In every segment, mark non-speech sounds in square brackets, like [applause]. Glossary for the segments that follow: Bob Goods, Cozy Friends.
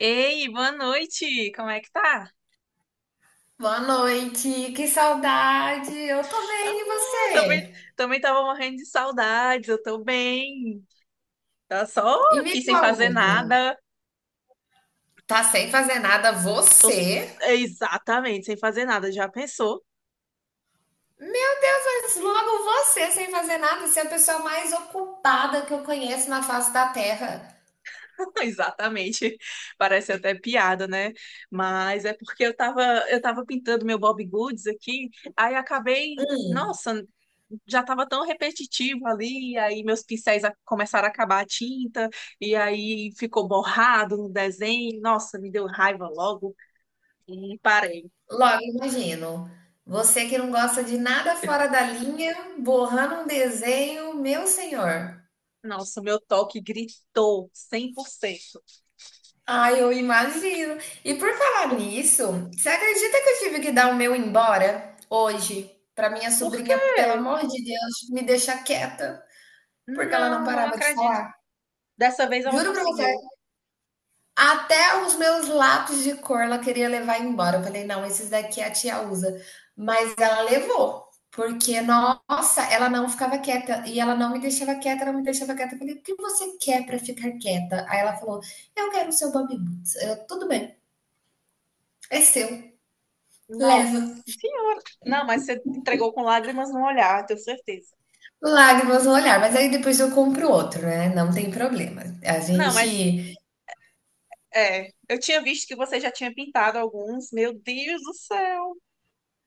Ei, boa noite! Como é que tá? Boa noite, que saudade! Eu tô Ah, bem, e também, você? também tava morrendo de saudades, eu tô bem. Tá só E me aqui sem fazer conta, nada. tá sem fazer nada você? Exatamente sem fazer nada. Já pensou? Meu Deus, mas logo você sem fazer nada, você é a pessoa mais ocupada que eu conheço na face da Terra. [laughs] Exatamente. Parece até piada, né? Mas é porque eu tava, eu tava pintando meu Bob Goods aqui, aí acabei, nossa, já estava tão repetitivo ali, e aí meus começaram a acabar a tinta, e aí ficou borrado no desenho. Nossa, me deu raiva logo e parei. Logo, imagino, você que não gosta de nada fora da linha, borrando um desenho, meu senhor. Nossa, meu toque gritou 100%. Ai, eu imagino. E por falar nisso, você acredita que eu tive que dar o meu embora hoje para minha Por quê? sobrinha, pelo amor de Deus, me deixa quieta, porque ela não Não, não parava de acredito. falar? Dessa vez ela Juro pra você, conseguiu. até os meus lápis de cor ela queria levar embora. Eu falei, não, esses daqui a tia usa. Mas ela levou, porque, nossa, ela não ficava quieta e ela não me deixava quieta, ela não me deixava quieta. Eu falei, o que você quer para ficar quieta? Aí ela falou, eu quero o seu Bob Boots. Eu, tudo bem, é seu. Nossa Leva senhora. Não, mas você entregou com lágrimas no olhar, tenho certeza. lágrimas no olhar, mas aí depois eu compro outro, né? Não tem problema. A Não, mas gente. é, eu tinha visto que você já tinha pintado alguns. Meu Deus do céu.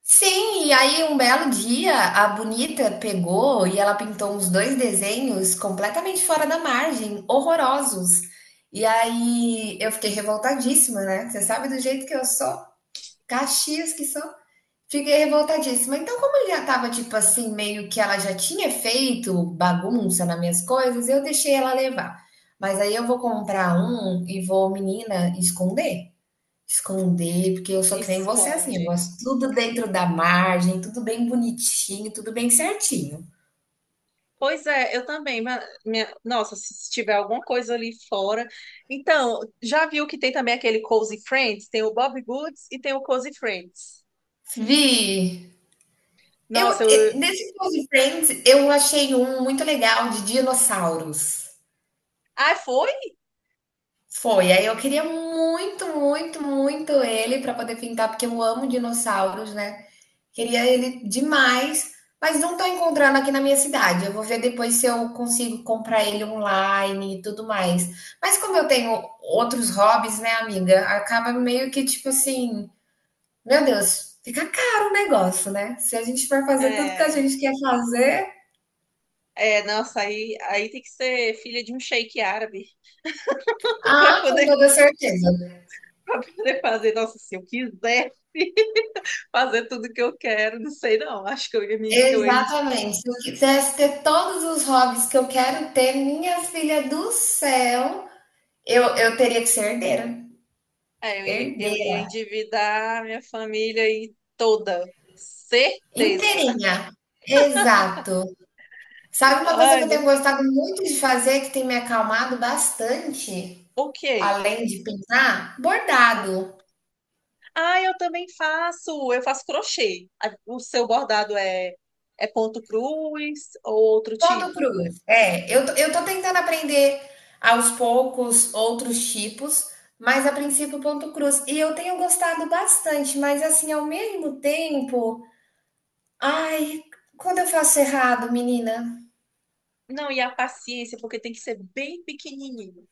Sim, e aí um belo dia a bonita pegou e ela pintou uns dois desenhos completamente fora da margem, horrorosos. E aí eu fiquei revoltadíssima, né? Você sabe do jeito que eu sou? Caxias que sou. Fiquei revoltadíssima. Então, como ele já tava, tipo assim, meio que ela já tinha feito bagunça nas minhas coisas, eu deixei ela levar. Mas aí eu vou comprar um e vou, menina, esconder. Esconder, porque eu sou que nem você assim, eu Esconde. gosto tudo dentro da margem, tudo bem bonitinho, tudo bem certinho. Pois é, eu também. Nossa, se tiver alguma coisa ali fora. Então, já viu que tem também aquele Cozy Friends? Tem o Bob Goods e tem o Cozy Friends. Vi, Nossa, eu. Nesse Close Friends, eu achei um muito legal de dinossauros. Ah, foi? Foi. Aí eu queria muito, muito, muito ele para poder pintar, porque eu amo dinossauros, né? Queria ele demais, mas não tô encontrando aqui na minha cidade. Eu vou ver depois se eu consigo comprar ele online e tudo mais. Mas como eu tenho outros hobbies, né, amiga? Acaba meio que tipo assim, meu Deus, fica caro o negócio, né? Se a gente for fazer tudo que a É. gente quer fazer, É, nossa, aí tem que ser filha de um sheik árabe [laughs] para ah, com poder toda certeza. para poder fazer. Nossa, se eu quisesse [laughs] fazer tudo que eu quero, não sei não. Acho que eu ia me, eu ia, Exatamente. Se eu quisesse ter todos os hobbies que eu quero ter, minha filha do céu, eu teria que ser herdeira. é, eu ia Herdeira. endividar minha família aí toda. Certeza. Inteirinha. Exato. Sabe uma coisa que Ai, eu tenho Deus. gostado muito de fazer, que tem me acalmado bastante, Ok. além de pintar? Bordado. Ah, eu faço crochê. O seu bordado é, é ponto cruz ou outro Ponto tipo? cruz. É, eu tô tentando aprender aos poucos outros tipos, mas a princípio ponto cruz. E eu tenho gostado bastante, mas assim, ao mesmo tempo, ai, quando eu faço errado, menina, Não, e a paciência, porque tem que ser bem pequenininho.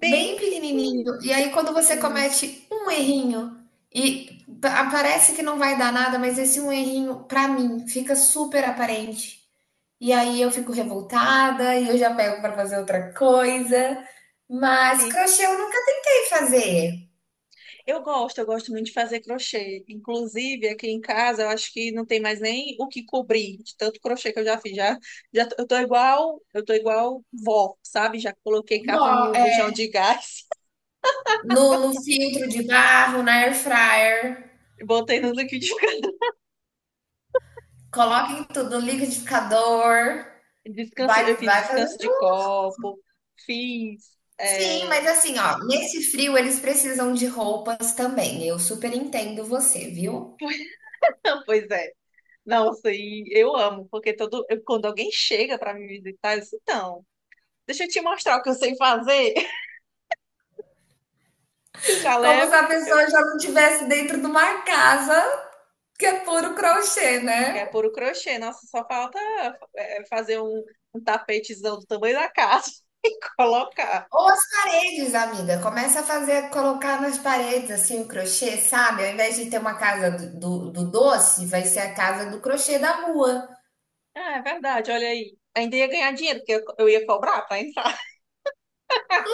Bem bem pequenininho. pequenininho, e aí quando você Sim. comete um errinho e parece que não vai dar nada, mas esse um errinho, pra mim, fica super aparente. E aí eu fico revoltada e eu já pego para fazer outra coisa. Mas É. crochê eu nunca tentei fazer. Eu gosto muito de fazer crochê. Inclusive, aqui em casa, eu acho que não tem mais nem o que cobrir de tanto crochê que eu já fiz. Eu tô igual, vó, sabe? Já coloquei Ó, capa no bujão é, de gás, [laughs] no filtro de barro, na air fryer, botei no liquidificador. coloca tudo, no liquidificador, Descanso, eu vai, fiz vai descanso fazendo. de Um. copo, fiz. Sim, mas É, assim, ó, nesse frio eles precisam de roupas também. Eu super entendo você, viu? [laughs] Pois é. Nossa, e eu amo, quando alguém chega para me visitar, eu disse, então, deixa eu te mostrar o que eu sei fazer. [laughs] Tu já Como leva. se a pessoa já não estivesse dentro de uma casa que é puro crochê, É né? puro crochê. Nossa, só falta é, um tapetezão do tamanho da casa [laughs] e colocar. Ou as paredes, amiga. Começa a fazer, colocar nas paredes, assim, o crochê, sabe? Ao invés de ter uma casa do doce, vai ser a casa do crochê da rua. Ah, é verdade, olha aí. Ainda ia ganhar dinheiro, porque eu ia cobrar para entrar.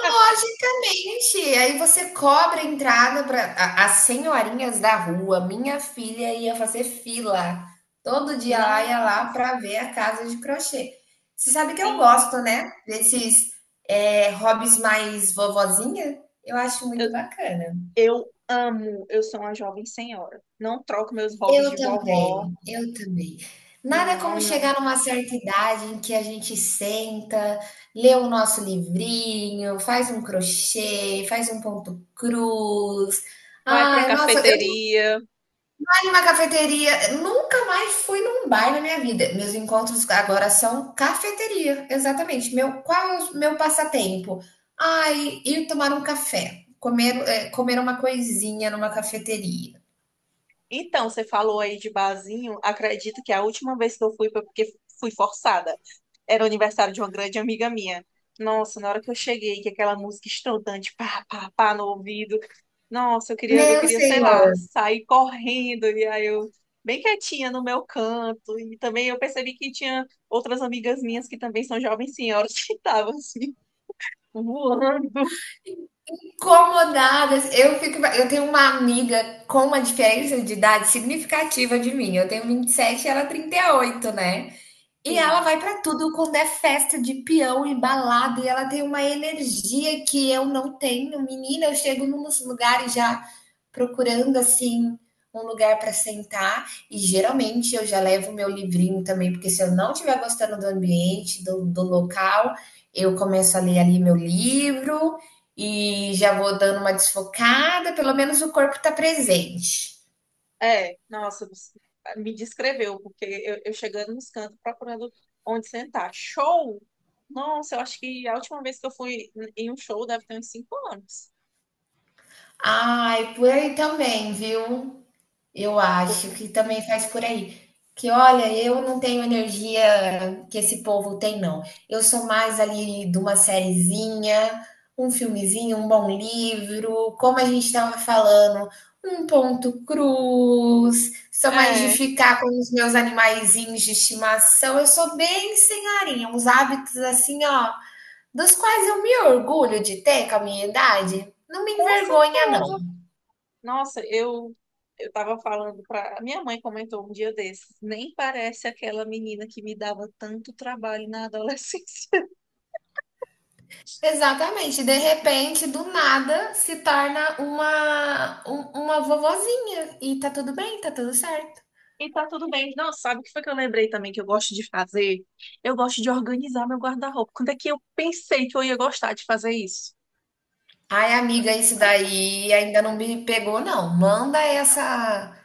Logicamente. Aí você cobra a entrada para as senhorinhas da rua. Minha filha ia fazer fila. Todo dia lá ia lá Nossa, para ver a casa de crochê. Você sabe que eu sim. gosto, né? Desses hobbies mais vovozinha. Eu acho Eu, muito bacana. eu amo. Eu sou uma jovem senhora. Não troco meus hobbies Eu de vovó. também, eu também. Nada como Não, chegar não. numa certa idade em que a gente senta, lê o nosso livrinho, faz um crochê, faz um ponto cruz. Vai para uma Ai, nossa, eu tô cafeteria. em uma cafeteria, nunca mais fui num bar na minha vida. Meus encontros agora são cafeteria, exatamente. Meu, qual é o meu passatempo? Ai, ir tomar um café, comer, comer uma coisinha numa cafeteria. Então, você falou aí de barzinho. Acredito que a última vez que eu fui foi porque fui forçada. Era o aniversário de uma grande amiga minha. Nossa, na hora que eu cheguei, que aquela música estrondante, pá, pá, pá, no ouvido. Nossa, eu Meu queria, sei lá, senhor. sair correndo. E aí eu, bem quietinha no meu canto. E também eu percebi que tinha outras amigas minhas que também são jovens senhoras [laughs] que estavam assim, voando. Incomodadas. Eu fico, eu tenho uma amiga com uma diferença de idade significativa de mim. Eu tenho 27 e ela 38, né? E ela Sim. vai pra tudo quando é festa de peão e balada, e ela tem uma energia que eu não tenho. Menina, eu chego nos lugares já procurando assim um lugar para sentar e geralmente eu já levo meu livrinho também, porque se eu não estiver gostando do ambiente, do local, eu começo a ler ali meu livro e já vou dando uma desfocada, pelo menos o corpo tá presente. É, nossa, você me descreveu, porque eu chegando nos cantos procurando onde sentar. Show! Nossa, eu acho que a última vez que eu fui em um show deve ter uns 5 anos. Ai, por aí também, viu? Eu acho Porque- que também faz por aí. Que olha, eu não tenho energia que esse povo tem, não. Eu sou mais ali de uma sériezinha, um filmezinho, um bom livro, como a gente estava falando, um ponto cruz. Sou mais de É, ficar com os meus animaizinhos de estimação. Eu sou bem senhorinha, uns hábitos assim, ó, dos quais eu me orgulho de ter com a minha idade. Não me com envergonha, certeza. não. Nossa, eu tava falando pra. Minha mãe comentou um dia desses, nem parece aquela menina que me dava tanto trabalho na adolescência. Exatamente, de repente, do nada, se torna uma, uma vovozinha e tá tudo bem, tá tudo certo. E tá tudo bem. Não, sabe o que foi que eu lembrei também que eu gosto de fazer? Eu gosto de organizar meu guarda-roupa. Quando é que eu pensei que eu ia gostar de fazer isso? Ai, amiga, isso daí ainda não me pegou, não. Manda essa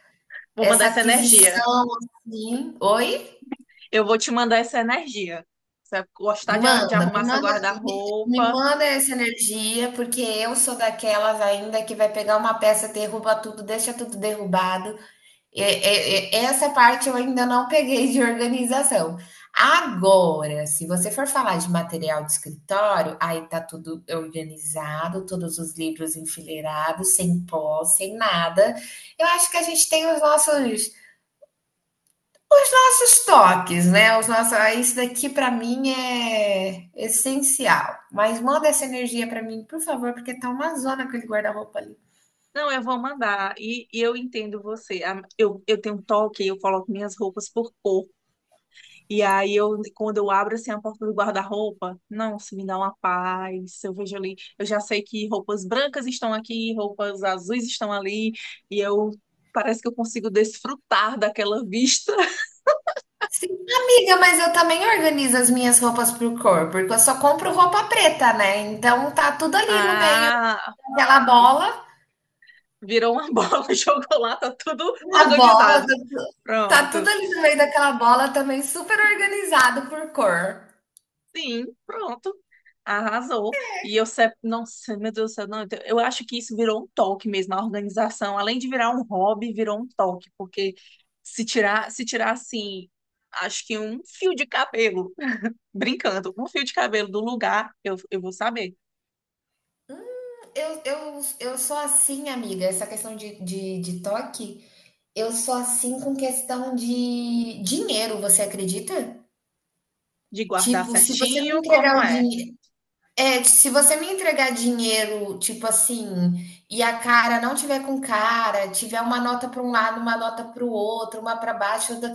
Vou mandar essa essa energia. aquisição assim. Oi? Eu vou te mandar essa energia. Você vai gostar de Manda, me arrumar seu manda, me guarda-roupa? manda essa energia, porque eu sou daquelas ainda que vai pegar uma peça, derruba tudo, deixa tudo derrubado. É, essa parte eu ainda não peguei de organização. Agora, se você for falar de material de escritório, aí tá tudo organizado, todos os livros enfileirados, sem pó, sem nada. Eu acho que a gente tem os nossos toques, né? Os nossos, ah, isso daqui para mim é essencial. Mas manda essa energia para mim, por favor, porque tá uma zona aquele guarda-roupa ali. Não, eu vou mandar. E eu entendo você. Eu tenho um toque, eu coloco minhas roupas por cor. E aí eu, quando eu abro assim a porta do guarda-roupa, nossa, me dá uma paz. Eu vejo ali, eu já sei que roupas brancas estão aqui, roupas azuis estão ali, e eu parece que eu consigo desfrutar daquela vista. [laughs] Sim, amiga, mas eu também organizo as minhas roupas por cor, porque eu só compro roupa preta, né? Então tá tudo ali no meio Ah, daquela bola, virou uma [laughs] bola de chocolate, tá tudo na bola, organizado. Tá Pronto. tudo ali no meio daquela bola também, super organizado por cor. Sim, pronto. Arrasou. E eu, se- nossa, meu Deus do céu, não, eu acho que isso virou um toque mesmo, a organização. Além de virar um hobby, virou um toque, porque se tirar assim, acho que um fio de cabelo, [laughs] brincando, um fio de cabelo do lugar, eu vou saber Eu sou assim, amiga, essa questão de, de toque, eu sou assim com questão de dinheiro, você acredita? de guardar Tipo, se você me certinho entregar como o é. dinheiro. É, se você me entregar dinheiro, tipo assim, e a cara não tiver com cara, tiver uma nota para um lado, uma nota para o outro, uma para baixo, outra-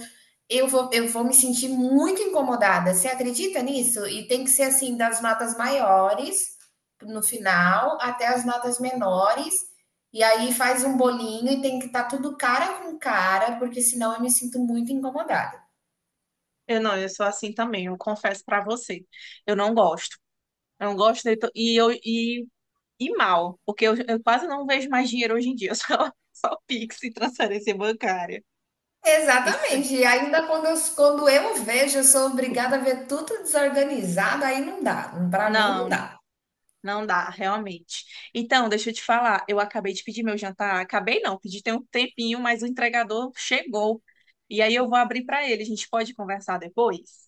eu vou me sentir muito incomodada. Você acredita nisso? E tem que ser assim, das notas maiores no final até as notas menores. E aí faz um bolinho e tem que estar tudo cara com cara, porque senão eu me sinto muito incomodada. Eu não, eu sou assim também, eu confesso pra você. Eu não gosto. Eu não gosto de, to- e eu e E mal, porque eu quase não vejo mais dinheiro hoje em dia, [laughs] só Pix e transferência bancária. Isso. Exatamente. E ainda quando eu vejo, eu sou obrigada a ver tudo desorganizado, aí não dá. Para mim não Não, dá. não dá, realmente. Então, deixa eu te falar, eu acabei de pedir meu jantar. Acabei não, pedi tem um tempinho, mas o entregador chegou. E aí eu vou abrir para ele. A gente pode conversar depois?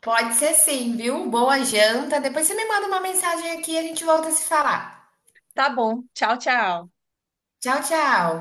Pode ser sim, viu? Boa janta. Depois você me manda uma mensagem aqui e a gente volta a se falar. Tá bom. Tchau, tchau. Tchau, tchau.